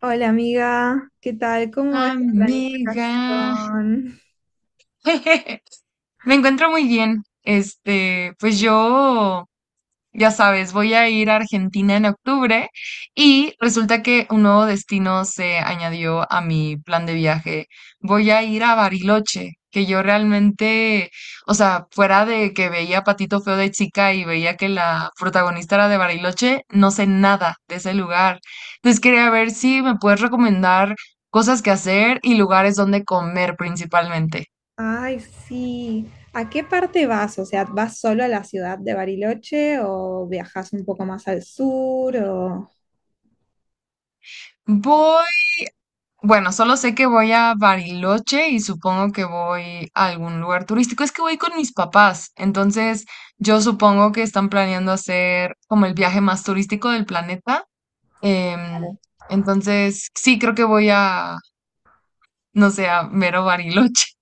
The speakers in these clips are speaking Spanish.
Hola amiga, ¿qué tal? ¿Cómo va esa Amiga, planificación? me encuentro muy bien. Pues yo ya sabes, voy a ir a Argentina en octubre y resulta que un nuevo destino se añadió a mi plan de viaje. Voy a ir a Bariloche, que yo realmente, o sea, fuera de que veía Patito Feo de chica y veía que la protagonista era de Bariloche, no sé nada de ese lugar. Entonces quería ver si me puedes recomendar cosas que hacer y lugares donde comer principalmente. Ay, sí. ¿A qué parte vas? O sea, ¿vas solo a la ciudad de Bariloche o viajas un poco más al sur? O... Voy Bueno, solo sé que voy a Bariloche y supongo que voy a algún lugar turístico. Es que voy con mis papás, entonces yo supongo que están planeando hacer como el viaje más turístico del planeta. em, entonces, sí, creo que voy a, no sé, a mero Bariloche.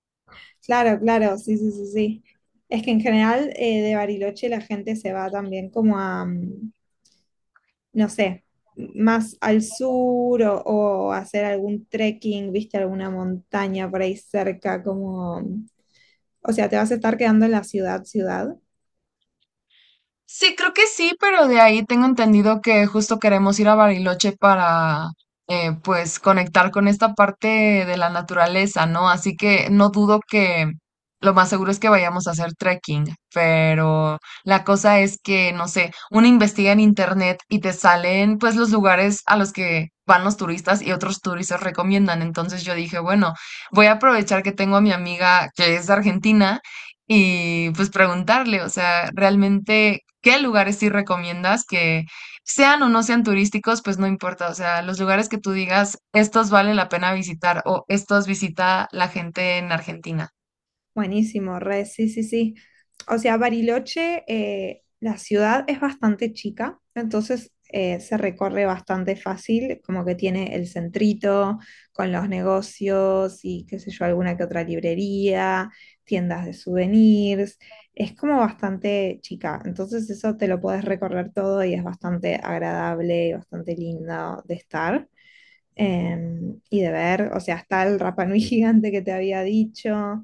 Claro, claro, sí, sí, sí, sí. Es que en general de Bariloche la gente se va también como a, no sé, más al sur o hacer algún trekking, viste, alguna montaña por ahí cerca, como, o sea, ¿te vas a estar quedando en la ciudad? Sí, creo que sí, pero de ahí tengo entendido que justo queremos ir a Bariloche para, pues, conectar con esta parte de la naturaleza, ¿no? Así que no dudo que lo más seguro es que vayamos a hacer trekking, pero la cosa es que, no sé, uno investiga en internet y te salen, pues, los lugares a los que van los turistas y otros turistas recomiendan. Entonces yo dije, bueno, voy a aprovechar que tengo a mi amiga que es de Argentina y pues preguntarle, o sea, realmente qué lugares sí recomiendas que sean o no sean turísticos, pues no importa, o sea, los lugares que tú digas, estos vale la pena visitar o estos visita la gente en Argentina. Buenísimo, re, sí, sí, sí. O sea, Bariloche, la ciudad es bastante chica, entonces se recorre bastante fácil, como que tiene el centrito con los negocios y qué sé yo, alguna que otra librería, tiendas de souvenirs. Es como bastante chica, entonces eso te lo puedes recorrer todo y es bastante agradable y bastante lindo de estar. Y de ver, o sea, está el Rapa Nui gigante que te había dicho.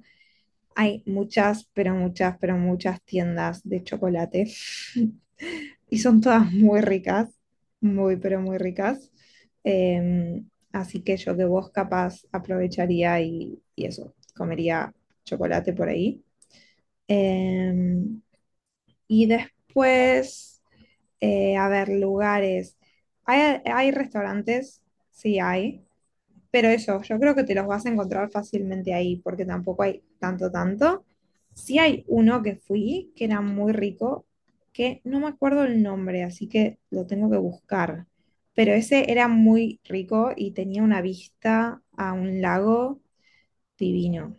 Hay muchas, pero muchas, pero muchas tiendas de chocolate y son todas muy ricas, muy, pero muy ricas. Así que yo que vos capaz aprovecharía y eso, comería chocolate por ahí. Em, y después, a ver, lugares. Hay restaurantes, sí hay. Pero eso, yo creo que te los vas a encontrar fácilmente ahí, porque tampoco hay tanto. Sí hay uno que fui, que era muy rico, que no me acuerdo el nombre, así que lo tengo que buscar. Pero ese era muy rico y tenía una vista a un lago divino.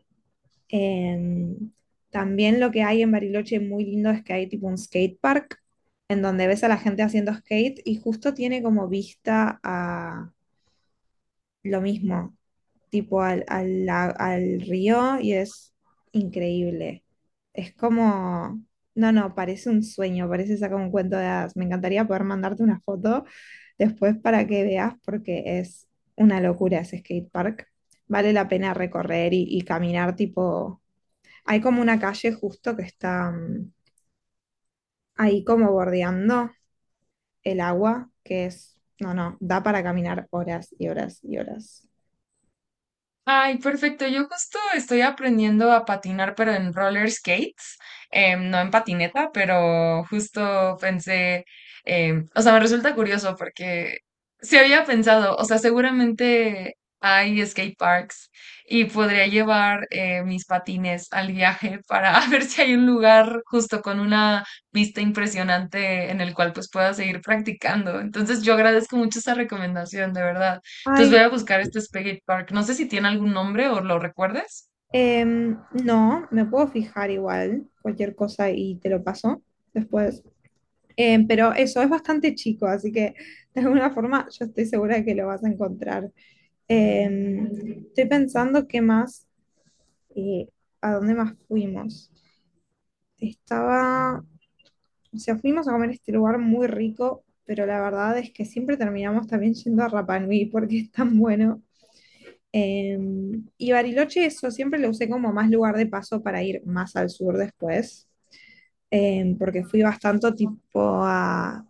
Em, También lo que hay en Bariloche muy lindo es que hay tipo un skate park en donde ves a la gente haciendo skate y justo tiene como vista a lo mismo, tipo al río y es increíble. Es como, no, parece un sueño, parece sacar un cuento de hadas. Me encantaría poder mandarte una foto después para que veas porque es una locura ese skate park. Vale la pena recorrer y caminar tipo... Hay como una calle justo que está ahí como bordeando el agua, que es, no, da para caminar horas y horas y horas. Ay, perfecto. Yo justo estoy aprendiendo a patinar, pero en roller skates, no en patineta, pero justo pensé, o sea, me resulta curioso porque se había pensado, o sea, seguramente hay skate parks y podría llevar mis patines al viaje para ver si hay un lugar justo con una vista impresionante en el cual pues pueda seguir practicando. Entonces, yo agradezco mucho esa recomendación, de verdad. Entonces voy Ay. a buscar este Spaghetti Park. No sé si tiene algún nombre o lo recuerdes. Em, no, me puedo fijar igual, cualquier cosa y te lo paso después. Pero eso es bastante chico, así que de alguna forma yo estoy segura de que lo vas a encontrar. Estoy pensando qué más, eh, a dónde más fuimos. Estaba, o sea, fuimos a comer a este lugar muy rico, pero la verdad es que siempre terminamos también yendo a Rapa Nui porque es tan bueno. Y Bariloche, eso siempre lo usé como más lugar de paso para ir más al sur después, porque fui bastante tipo a,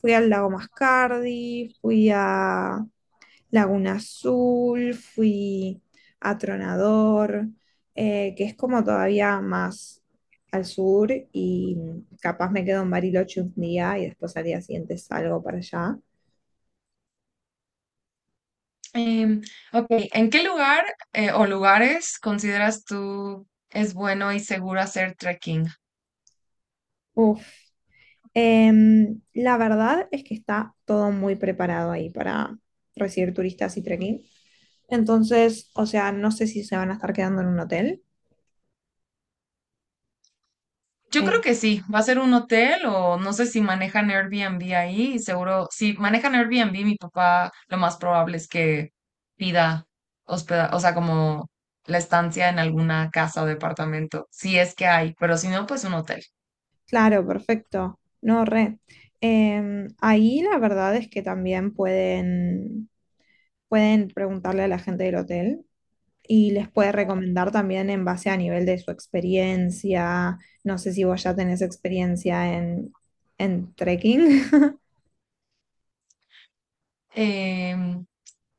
fui al lago Mascardi, fui a Laguna Azul, fui a Tronador, que es como todavía más al sur y capaz me quedo en Bariloche un día y después al día siguiente salgo para allá. Em, ok, ¿en qué lugar o lugares consideras tú es bueno y seguro hacer trekking? Uf. La verdad es que está todo muy preparado ahí para recibir turistas y trekking. Entonces, o sea, no sé si se van a estar quedando en un hotel. Yo Eh, creo que sí, va a ser un hotel o no sé si manejan Airbnb ahí y seguro, si manejan Airbnb, mi papá lo más probable es que pida hospeda, o sea, como la estancia en alguna casa o departamento, si es que hay, pero si no, pues un hotel. claro, perfecto. No, re. Ahí la verdad es que también pueden preguntarle a la gente del hotel y les puede recomendar también en base a nivel de su experiencia. No sé si vos ya tenés experiencia en trekking. Em,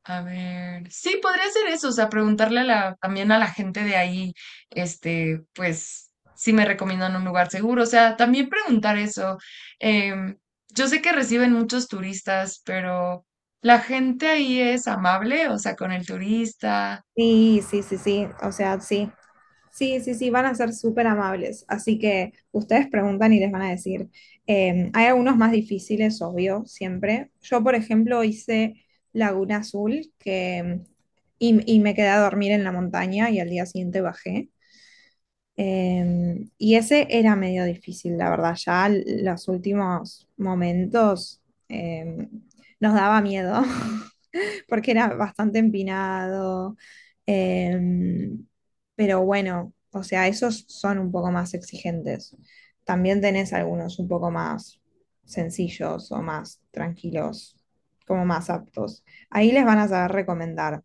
A ver, sí, podría ser eso, o sea, preguntarle a también a la gente de ahí, pues, si me recomiendan un lugar seguro, o sea, también preguntar eso. Em, yo sé que reciben muchos turistas, pero la gente ahí es amable, o sea, con el turista. Sí, sí, sí, sí, o sea, sí, sí, sí, sí, van a ser súper amables, así que ustedes preguntan y les van a decir. Hay algunos más difíciles, obvio, siempre. Yo, por ejemplo, hice Laguna Azul y me quedé a dormir en la montaña y al día siguiente bajé. Y ese era medio difícil, la verdad, ya los últimos momentos eh, nos daba miedo. Porque era bastante empinado. em, pero bueno, o sea, esos son un poco más exigentes. También tenés algunos un poco más sencillos o más tranquilos, como más aptos. Ahí les van a saber recomendar.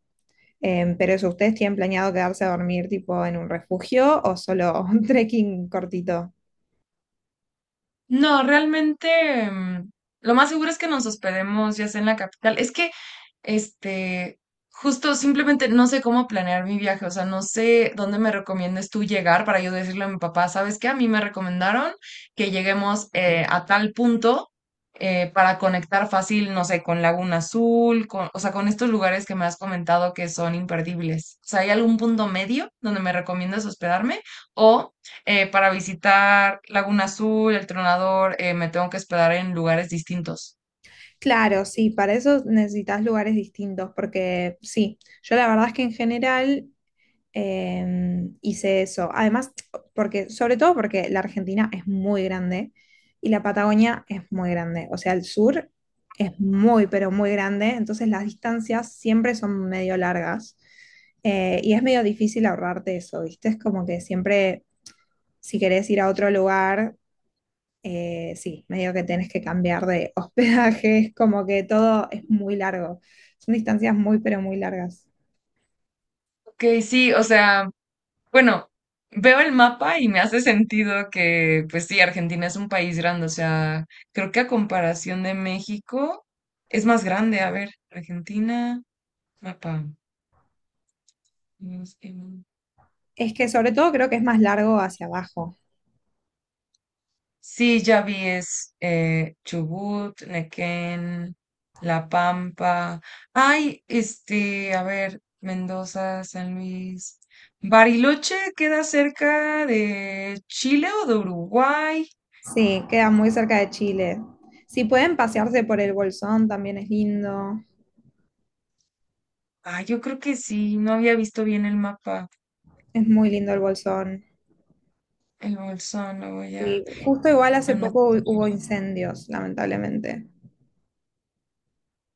Pero eso, ¿ustedes tienen planeado quedarse a dormir tipo en un refugio o solo un trekking cortito? No, realmente lo más seguro es que nos hospedemos ya sea en la capital. Es que, este, justo simplemente no sé cómo planear mi viaje, o sea, no sé dónde me recomiendes tú llegar para yo decirle a mi papá, ¿sabes qué? A mí me recomendaron que lleguemos a tal punto para conectar fácil, no sé, con Laguna Azul, con, o sea, con estos lugares que me has comentado que son imperdibles. O sea, ¿hay algún punto medio donde me recomiendas hospedarme? O para visitar Laguna Azul, El Tronador, me tengo que hospedar en lugares distintos. Claro, sí, para eso necesitas lugares distintos, porque sí, yo la verdad es que en general hice eso. Además, porque, sobre todo porque la Argentina es muy grande y la Patagonia es muy grande. O sea, el sur es muy, pero muy grande. Entonces las distancias siempre son medio largas. Y es medio difícil ahorrarte eso, ¿viste? Es como que siempre, si querés ir a otro lugar, sí, medio que tenés que cambiar de hospedaje. Es como que todo es muy largo. Son distancias muy, pero muy largas. Ok, sí, o sea, bueno, veo el mapa y me hace sentido que, pues sí, Argentina es un país grande, o sea, creo que a comparación de México es más grande. A ver, Argentina, mapa. Es que sobre todo creo que es más largo hacia abajo. Sí, ya vi, es Chubut, Nequén, La Pampa. Ay, a ver, Mendoza, San Luis. Bariloche queda cerca de Chile o de Uruguay. Sí, queda muy cerca de Chile. Si pueden pasearse por el Bolsón, también es lindo. Ah, yo creo que sí, no había visto bien el mapa. Es muy lindo el Bolsón. El bolsón, lo voy a Y justo igual hace anotar. poco hubo incendios, lamentablemente.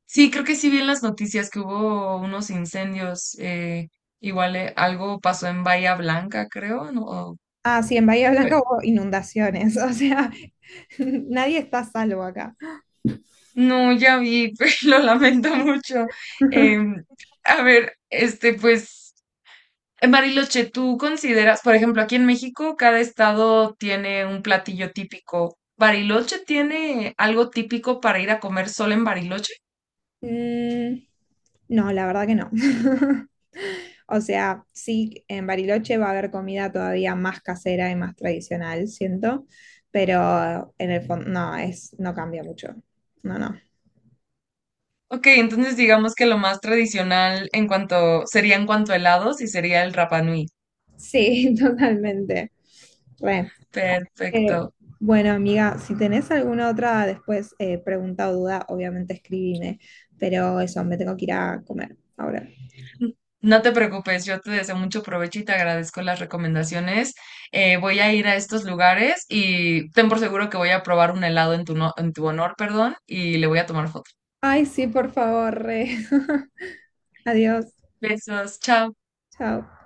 Sí, creo que sí vi en las noticias que hubo unos incendios. Igual algo pasó en Bahía Blanca, creo, ¿no? Ah, sí, en Bahía Blanca hubo inundaciones. O sea, nadie está a salvo acá. No, ya vi, pues, lo lamento mucho. Em, a ver, pues, en Bariloche, ¿tú consideras, por ejemplo, aquí en México, cada estado tiene un platillo típico? ¿Bariloche tiene algo típico para ir a comer solo en Bariloche? Mm, no, la verdad que no. O sea, sí, en Bariloche va a haber comida todavía más casera y más tradicional, siento, pero en el fondo no, es, no cambia mucho. No, no. Ok, entonces digamos que lo más tradicional en cuanto, sería en cuanto a helados y sería el Rapa Nui. Sí, totalmente. Re. Eh, Perfecto. bueno, amiga, si tenés alguna otra después pregunta o duda, obviamente escribime, pero eso, me tengo que ir a comer ahora. N- No te preocupes, yo te deseo mucho provecho y te agradezco las recomendaciones. Voy a ir a estos lugares y ten por seguro que voy a probar un helado en tu, en tu honor, perdón, y le voy a tomar foto. Ay, sí, por favor, re. Adiós. Besos, chao. Chao.